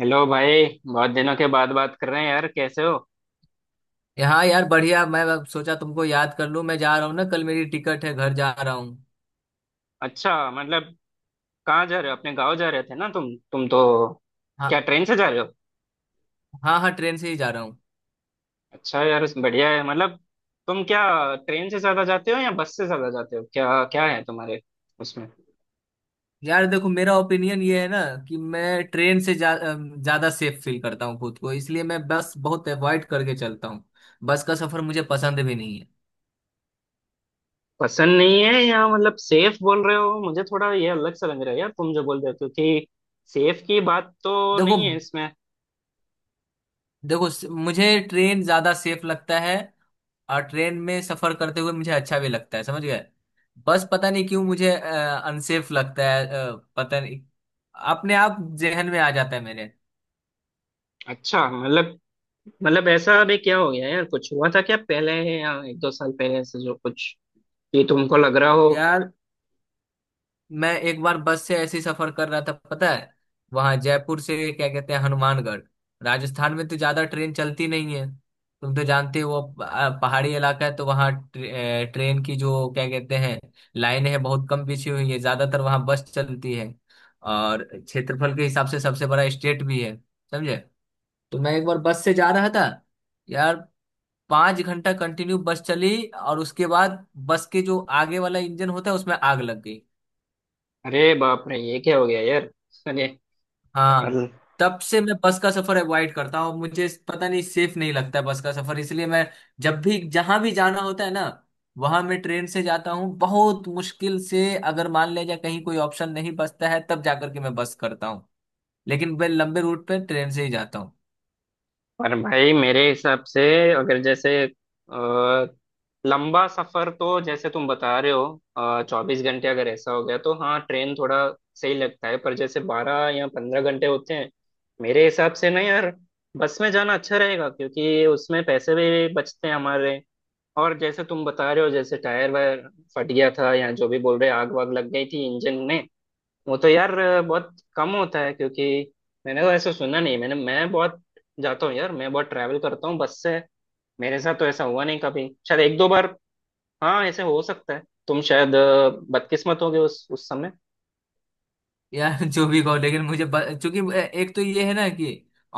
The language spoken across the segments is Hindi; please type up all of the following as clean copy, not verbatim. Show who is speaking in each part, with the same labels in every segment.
Speaker 1: हेलो भाई, बहुत दिनों के बाद बात कर रहे हैं यार। कैसे हो?
Speaker 2: यहाँ यार बढ़िया। मैं अब सोचा तुमको याद कर लूँ। मैं जा रहा हूँ ना, कल मेरी टिकट है, घर जा रहा हूँ।
Speaker 1: अच्छा, मतलब कहाँ जा रहे हो? अपने गांव जा रहे थे ना तुम तो? क्या
Speaker 2: हाँ।
Speaker 1: ट्रेन से जा रहे हो?
Speaker 2: हाँ, हाँ ट्रेन से ही जा रहा हूँ।
Speaker 1: अच्छा यार, बढ़िया है। मतलब तुम क्या ट्रेन से ज्यादा जाते हो या बस से ज्यादा जाते हो? क्या क्या है तुम्हारे उसमें?
Speaker 2: यार देखो, मेरा ओपिनियन ये है ना कि मैं ट्रेन से ज्यादा सेफ फील करता हूँ खुद को, इसलिए मैं बस बहुत अवॉइड करके चलता हूँ। बस का सफर मुझे पसंद भी नहीं है।
Speaker 1: पसंद नहीं है, या मतलब सेफ बोल रहे हो? मुझे थोड़ा ये अलग सा लग रहा है यार तुम जो बोल रहे हो, क्योंकि सेफ की बात तो
Speaker 2: देखो।
Speaker 1: नहीं है इसमें।
Speaker 2: देखो, मुझे ट्रेन ज्यादा सेफ लगता है। और ट्रेन में सफर करते हुए मुझे अच्छा भी लगता है, समझ गए। बस पता नहीं क्यों मुझे अनसेफ लगता है, पता नहीं। अपने आप जहन में आ जाता है मेरे।
Speaker 1: अच्छा, मतलब मतलब ऐसा अभी क्या हो गया यार? कुछ हुआ था क्या पहले, या एक दो साल पहले से जो कुछ ये तुमको लग रहा हो?
Speaker 2: यार, मैं एक बार बस से ऐसे ही सफर कर रहा था, पता है। वहां जयपुर से क्या कहते हैं, हनुमानगढ़। राजस्थान में तो ज्यादा ट्रेन चलती नहीं है। तुम तो जानते हो, वो पहाड़ी इलाका है, तो वहाँ ट्रेन की जो क्या कहते हैं, लाइन है, बहुत कम बिछी हुई है। ज्यादातर वहाँ बस चलती है। और क्षेत्रफल के हिसाब से सबसे बड़ा स्टेट भी है, समझे। तो मैं एक बार बस से जा रहा था यार, 5 घंटा कंटिन्यू बस चली। और उसके बाद बस के जो आगे वाला इंजन होता है, उसमें आग लग गई।
Speaker 1: अरे बाप रे, ये क्या हो गया यार!
Speaker 2: हाँ।
Speaker 1: अरे।
Speaker 2: तब से मैं बस का सफर अवॉइड करता हूँ, मुझे पता नहीं, सेफ नहीं लगता है बस का सफर, इसलिए मैं जब भी जहां भी जाना होता है ना, वहां मैं ट्रेन से जाता हूँ। बहुत मुश्किल से, अगर मान लिया जाए कहीं कोई ऑप्शन नहीं बचता है, तब जाकर के मैं बस करता हूँ। लेकिन मैं लंबे रूट पे ट्रेन से ही जाता हूँ।
Speaker 1: और भाई मेरे हिसाब से, अगर जैसे लंबा सफर, तो जैसे तुम बता रहे हो 24 घंटे अगर ऐसा हो गया, तो हाँ ट्रेन थोड़ा सही लगता है। पर जैसे 12 या 15 घंटे होते हैं, मेरे हिसाब से ना यार, बस में जाना अच्छा रहेगा, क्योंकि उसमें पैसे भी बचते हैं हमारे। और जैसे तुम बता रहे हो जैसे टायर वायर फट गया था, या जो भी बोल रहे आग वाग लग गई थी इंजन में, वो तो यार बहुत कम होता है। क्योंकि मैंने तो ऐसा सुना नहीं। मैं बहुत जाता हूँ यार, मैं बहुत ट्रैवल करता हूँ बस से। मेरे साथ तो ऐसा हुआ नहीं कभी, शायद एक दो बार हाँ ऐसे हो सकता है। तुम शायद बदकिस्मत होगे उस समय।
Speaker 2: यार जो भी कहो, लेकिन मुझे चूंकि एक तो ये है ना कि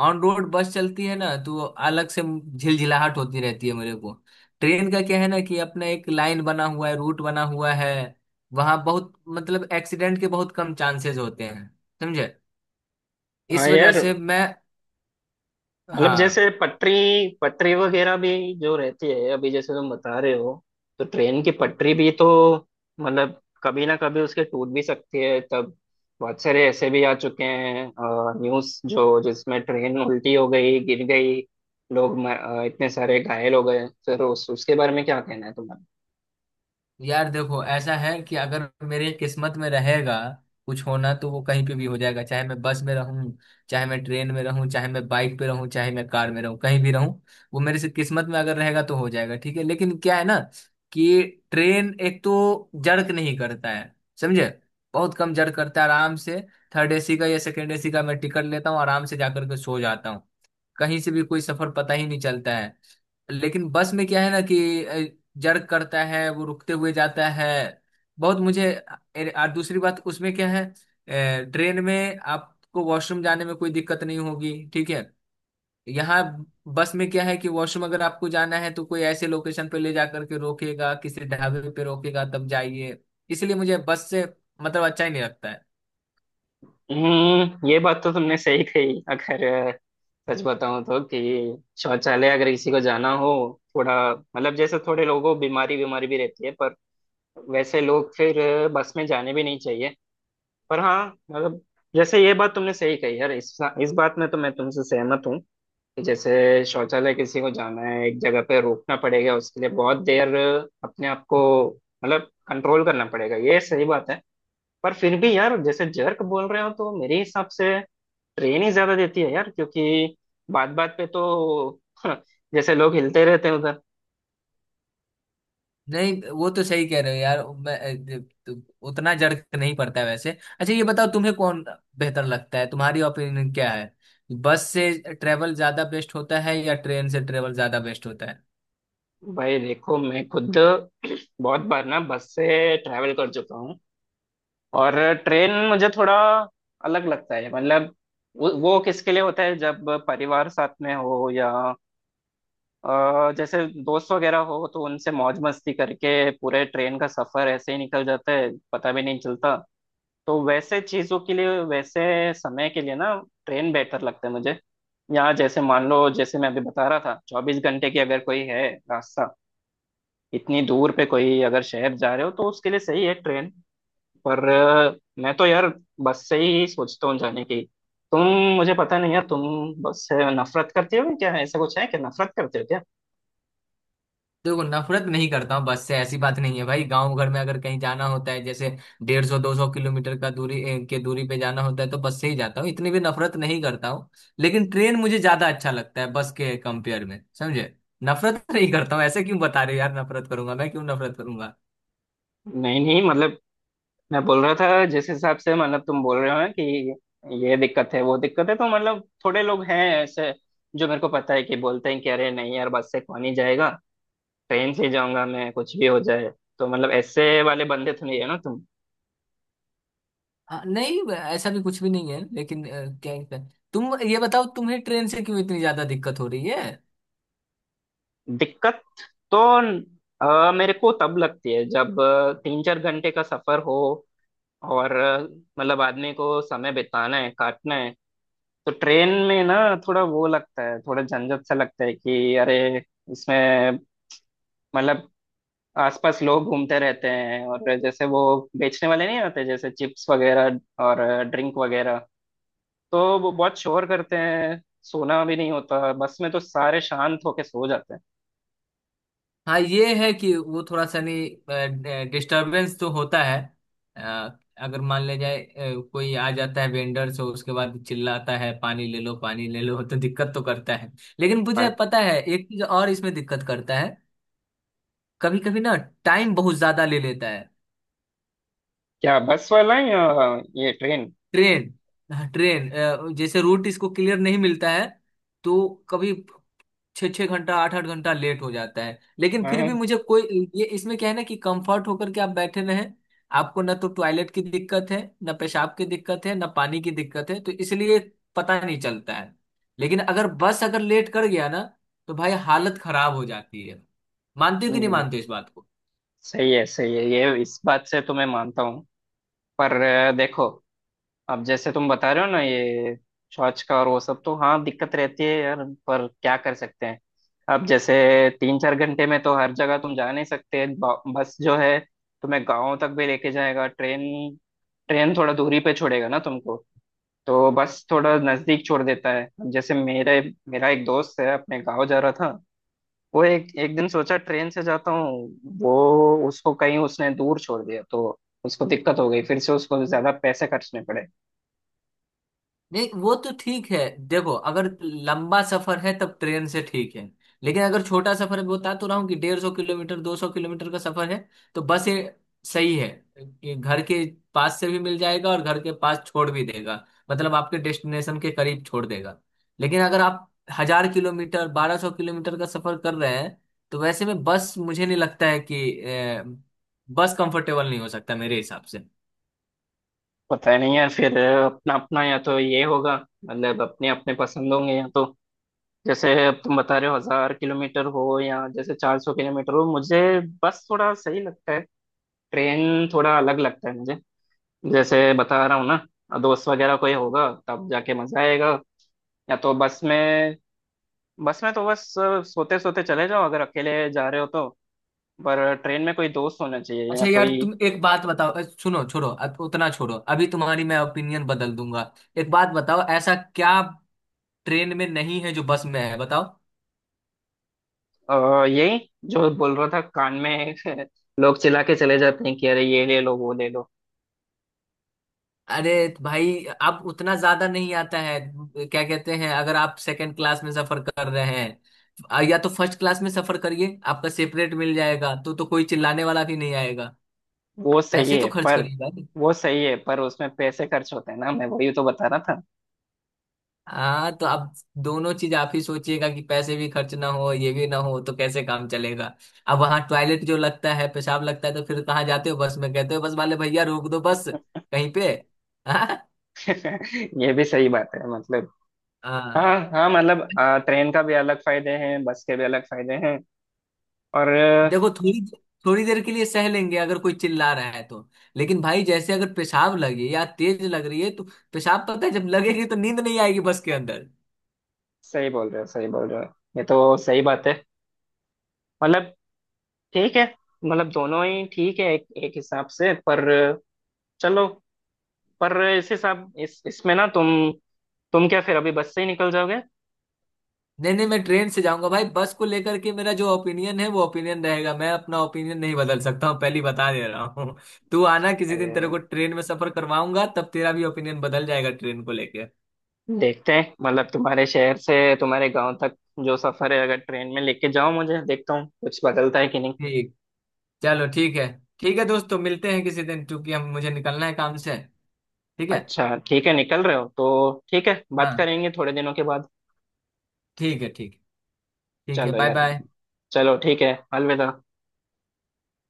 Speaker 2: ऑन रोड बस चलती है ना, तो अलग से झिलझिलाहट होती रहती है मेरे को। ट्रेन का क्या है ना कि अपना एक लाइन बना हुआ है, रूट बना हुआ है। वहां बहुत मतलब एक्सीडेंट के बहुत कम चांसेस होते हैं, समझे।
Speaker 1: हाँ
Speaker 2: इस वजह
Speaker 1: यार,
Speaker 2: से मैं।
Speaker 1: मतलब
Speaker 2: हाँ।
Speaker 1: जैसे पटरी, पटरी वगैरह भी जो रहती है, अभी जैसे तुम बता रहे हो, तो ट्रेन की पटरी भी तो मतलब कभी ना कभी उसके टूट भी सकती है। तब बहुत सारे ऐसे भी आ चुके हैं न्यूज़ जो जिसमें ट्रेन उल्टी हो गई, गिर गई, लोग इतने सारे घायल हो गए, फिर उस उसके बारे में क्या कहना है तुम्हारा?
Speaker 2: यार देखो, ऐसा है कि अगर मेरे किस्मत में रहेगा कुछ होना, तो वो कहीं पे भी हो जाएगा, चाहे मैं बस में रहूं, चाहे मैं ट्रेन में रहूं, चाहे मैं बाइक पे रहूं, चाहे मैं कार में रहूं, कहीं भी रहूं। वो मेरे से किस्मत में अगर रहेगा, तो हो जाएगा। ठीक है, लेकिन क्या है ना कि ट्रेन एक तो जर्क नहीं करता है, समझे। बहुत कम जर्क करता है, आराम से। थर्ड एसी का या सेकेंड एसी का मैं टिकट लेता हूँ, आराम से जाकर के सो जाता हूँ। कहीं से भी कोई सफर पता ही नहीं चलता है। लेकिन बस में क्या है ना कि जर्क करता है, वो रुकते हुए जाता है, बहुत मुझे। अरे, और दूसरी बात उसमें क्या है, ट्रेन में आपको वॉशरूम जाने में कोई दिक्कत नहीं होगी, ठीक है। यहाँ बस में क्या है कि वॉशरूम अगर आपको जाना है, तो कोई ऐसे लोकेशन पे ले जा करके रोकेगा, किसी ढाबे पे रोकेगा, तब जाइए। इसलिए मुझे बस से मतलब अच्छा ही नहीं लगता है।
Speaker 1: हम्म, ये बात तो तुमने सही कही। अगर सच बताऊं तो कि शौचालय अगर किसी को जाना हो, थोड़ा मतलब जैसे थोड़े लोगों को बीमारी बीमारी भी रहती है, पर वैसे लोग फिर बस में जाने भी नहीं चाहिए। पर हाँ, मतलब जैसे ये बात तुमने सही कही यार, इस बात में तो मैं तुमसे सहमत हूँ कि जैसे शौचालय किसी को जाना है, एक जगह पे रोकना पड़ेगा, उसके लिए बहुत देर अपने आप को मतलब कंट्रोल करना पड़ेगा। ये सही बात है। पर फिर भी यार जैसे जर्क बोल रहे हो, तो मेरे हिसाब से ट्रेन ही ज्यादा देती है यार, क्योंकि बात बात पे तो जैसे लोग हिलते रहते हैं उधर।
Speaker 2: नहीं, वो तो सही कह रहे हो यार, मैं तो उतना जर्क नहीं पड़ता है वैसे। अच्छा ये बताओ, तुम्हें कौन बेहतर लगता है, तुम्हारी ओपिनियन क्या है। बस से ट्रेवल ज्यादा बेस्ट होता है या ट्रेन से ट्रेवल ज्यादा बेस्ट होता है।
Speaker 1: भाई देखो, मैं खुद बहुत बार ना बस से ट्रैवल कर चुका हूँ, और ट्रेन मुझे थोड़ा अलग लगता है। मतलब वो किसके लिए होता है जब परिवार साथ में हो, या जैसे दोस्त वगैरह हो, तो उनसे मौज मस्ती करके पूरे ट्रेन का सफर ऐसे ही निकल जाता है, पता भी नहीं चलता। तो वैसे चीजों के लिए, वैसे समय के लिए ना ट्रेन बेहतर लगता है मुझे। यहाँ जैसे मान लो, जैसे मैं अभी बता रहा था 24 घंटे की अगर कोई है रास्ता, इतनी दूर पे कोई अगर शहर जा रहे हो, तो उसके लिए सही है ट्रेन। पर मैं तो यार बस से ही सोचता हूँ जाने की। तुम, मुझे पता नहीं यार, तुम बस से नफरत करते हो क्या? ऐसा कुछ है क्या? नफरत करते हो क्या?
Speaker 2: देखो, नफरत नहीं करता हूँ बस से, ऐसी बात नहीं है भाई। गांव घर में अगर कहीं जाना होता है, जैसे 150 200 किलोमीटर का दूरी ए, के दूरी पे जाना होता है, तो बस से ही जाता हूँ। इतनी भी नफरत नहीं करता हूँ। लेकिन ट्रेन मुझे ज्यादा अच्छा लगता है बस के कंपेयर में, समझे। नफरत नहीं करता हूँ, ऐसे क्यों बता रहे हो यार, नफरत करूंगा मैं, क्यों नफरत करूंगा।
Speaker 1: नहीं नहीं, मतलब मैं बोल रहा था जिस हिसाब से, मतलब तुम बोल रहे हो ना कि ये दिक्कत है, वो दिक्कत है। तो मतलब थोड़े लोग हैं ऐसे जो, मेरे को पता है, कि बोलते हैं कि अरे नहीं यार, बस से कौन ही जाएगा, ट्रेन से ही जाऊंगा मैं, कुछ भी हो जाए। तो मतलब ऐसे वाले बंदे तो नहीं है ना तुम?
Speaker 2: हाँ नहीं, ऐसा भी कुछ भी नहीं है, लेकिन क्या क्या- तुम ये बताओ, तुम्हें ट्रेन से क्यों इतनी ज्यादा दिक्कत हो रही है।
Speaker 1: दिक्कत तो मेरे को तब लगती है जब 3-4 घंटे का सफर हो, और मतलब आदमी को समय बिताना है, काटना है। तो ट्रेन में ना थोड़ा वो लगता है, थोड़ा झंझट सा लगता है कि अरे, इसमें मतलब आसपास लोग घूमते रहते हैं, और जैसे वो बेचने वाले नहीं होते, जैसे चिप्स वगैरह और ड्रिंक वगैरह, तो वो बहुत शोर करते हैं। सोना भी नहीं होता। बस में तो सारे शांत होके सो जाते हैं।
Speaker 2: हाँ, ये है कि वो थोड़ा सा नहीं डिस्टरबेंस तो होता है। अगर मान ले जाए, कोई आ जाता है वेंडर से, उसके बाद चिल्लाता है पानी ले लो पानी ले लो, तो दिक्कत तो करता है। लेकिन मुझे
Speaker 1: हाँ,
Speaker 2: पता है एक चीज और इसमें दिक्कत करता है। कभी कभी ना टाइम बहुत ज्यादा ले लेता है।
Speaker 1: क्या बस वाला है या ये ट्रेन?
Speaker 2: ट्रेन। हाँ, ट्रेन जैसे रूट इसको क्लियर नहीं मिलता है, तो कभी 6 6 घंटा 8 8 घंटा लेट हो जाता है। लेकिन फिर
Speaker 1: हाँ।
Speaker 2: भी मुझे कोई, ये इसमें क्या है ना कि कंफर्ट होकर के आप बैठे रहें, आपको ना तो टॉयलेट की दिक्कत है, ना पेशाब की दिक्कत है, ना पानी की दिक्कत है, तो इसलिए पता नहीं चलता है। लेकिन अगर बस अगर लेट कर गया ना, तो भाई हालत खराब हो जाती है। मानते हो कि नहीं
Speaker 1: हम्म,
Speaker 2: मानते हो इस बात।
Speaker 1: सही है, सही है, ये इस बात से तो मैं मानता हूँ। पर देखो, अब जैसे तुम बता रहे हो ना ये शौच का और वो सब, तो हाँ दिक्कत रहती है यार, पर क्या कर सकते हैं? अब जैसे 3-4 घंटे में तो हर जगह तुम जा नहीं सकते। बस जो है, तुम्हें गाँव तक भी लेके जाएगा। ट्रेन, ट्रेन थोड़ा दूरी पे छोड़ेगा ना तुमको, तो बस थोड़ा नजदीक छोड़ देता है। अब जैसे मेरे मेरा एक दोस्त है, अपने गाँव जा रहा था, वो एक एक दिन सोचा ट्रेन से जाता हूँ, वो उसको कहीं उसने दूर छोड़ दिया, तो उसको दिक्कत हो गई, फिर से उसको ज्यादा पैसे खर्चने पड़े।
Speaker 2: नहीं, वो तो ठीक है। देखो, अगर लंबा सफर है तब ट्रेन से ठीक है। लेकिन अगर छोटा सफर है, बता तो रहा हूँ कि 150 किलोमीटर 200 किलोमीटर का सफर है, तो बस ये सही है। ये घर के पास से भी मिल जाएगा और घर के पास छोड़ भी देगा, मतलब आपके डेस्टिनेशन के करीब छोड़ देगा। लेकिन अगर आप 1000 किलोमीटर 1200 किलोमीटर का सफर कर रहे हैं, तो वैसे में बस, मुझे नहीं लगता है कि बस कंफर्टेबल नहीं हो सकता मेरे हिसाब से।
Speaker 1: पता नहीं यार, फिर अपना अपना, या तो ये होगा, मतलब अपने अपने पसंद होंगे। या तो जैसे अब तुम बता रहे हो 1000 किलोमीटर हो, या जैसे 400 किलोमीटर हो, मुझे बस थोड़ा सही लगता है, ट्रेन थोड़ा अलग लगता है मुझे। जैसे बता रहा हूँ ना, दोस्त वगैरह कोई होगा तब जाके मजा आएगा, या तो बस में। बस में तो बस सोते सोते चले जाओ अगर अकेले जा रहे हो तो। पर ट्रेन में कोई दोस्त होना चाहिए
Speaker 2: अच्छा
Speaker 1: या
Speaker 2: यार
Speaker 1: कोई।
Speaker 2: तुम एक बात बताओ, सुनो, छोड़ो, अब उतना छोड़ो, अभी तुम्हारी मैं ओपिनियन बदल दूंगा। एक बात बताओ, ऐसा क्या ट्रेन में नहीं है जो बस में है, बताओ।
Speaker 1: और यही जो बोल रहा था कान में लोग चिल्ला के चले जाते हैं कि अरे, ये ले लो, वो ले लो।
Speaker 2: अरे भाई, अब उतना ज्यादा नहीं आता है। क्या कहते हैं, अगर आप सेकंड क्लास में सफर कर रहे हैं, या तो फर्स्ट क्लास में सफर करिए, आपका सेपरेट मिल जाएगा तो कोई चिल्लाने वाला भी नहीं आएगा।
Speaker 1: वो सही
Speaker 2: पैसे तो
Speaker 1: है
Speaker 2: खर्च
Speaker 1: पर,
Speaker 2: करिए भाई।
Speaker 1: वो सही है पर उसमें पैसे खर्च होते हैं ना, मैं वही तो बता रहा था।
Speaker 2: हाँ, तो अब दोनों चीज आप ही सोचिएगा कि पैसे भी खर्च ना हो ये भी ना हो, तो कैसे काम चलेगा। अब वहां टॉयलेट जो लगता है, पेशाब लगता है, तो फिर कहाँ जाते हो बस में, कहते हो बस वाले भैया रोक दो बस कहीं पे। हाँ।
Speaker 1: ये भी सही बात है। मतलब
Speaker 2: हाँ।
Speaker 1: हाँ हाँ, मतलब ट्रेन का भी अलग फायदे हैं, बस के भी अलग फायदे हैं। और
Speaker 2: देखो, थोड़ी थोड़ी देर के लिए सह लेंगे अगर कोई चिल्ला रहा है तो। लेकिन भाई, जैसे अगर पेशाब लगे या तेज लग रही है तो, पेशाब पता है जब लगेगी तो नींद नहीं आएगी बस के अंदर।
Speaker 1: सही बोल रहे हो, सही बोल रहे हो, ये तो सही बात है। मतलब ठीक है। मतलब दोनों ही ठीक है, एक हिसाब से। पर चलो, पर इसे सब इस इसमें ना तुम क्या फिर अभी बस से ही निकल जाओगे?
Speaker 2: नहीं नहीं, मैं ट्रेन से जाऊंगा भाई। बस को लेकर के मेरा जो ओपिनियन है, वो ओपिनियन रहेगा। मैं अपना ओपिनियन नहीं बदल सकता हूँ, पहली बता दे रहा हूँ। तू आना किसी दिन, तेरे
Speaker 1: अरे,
Speaker 2: को ट्रेन में सफर करवाऊंगा, तब तेरा भी ओपिनियन बदल जाएगा ट्रेन को लेकर।
Speaker 1: देखते हैं, मतलब तुम्हारे शहर से तुम्हारे गांव तक जो सफर है, अगर ट्रेन में लेके जाओ मुझे, देखता हूँ कुछ बदलता है कि नहीं।
Speaker 2: ठीक। चलो ठीक है। ठीक है दोस्तों, मिलते हैं किसी दिन, क्योंकि हम मुझे निकलना है काम से। ठीक है।
Speaker 1: अच्छा ठीक है, निकल रहे हो तो ठीक है, बात
Speaker 2: हाँ,
Speaker 1: करेंगे थोड़े दिनों के बाद।
Speaker 2: ठीक है, ठीक है। ठीक है,
Speaker 1: चलो
Speaker 2: बाय
Speaker 1: यार,
Speaker 2: बाय।
Speaker 1: चलो ठीक है, अलविदा।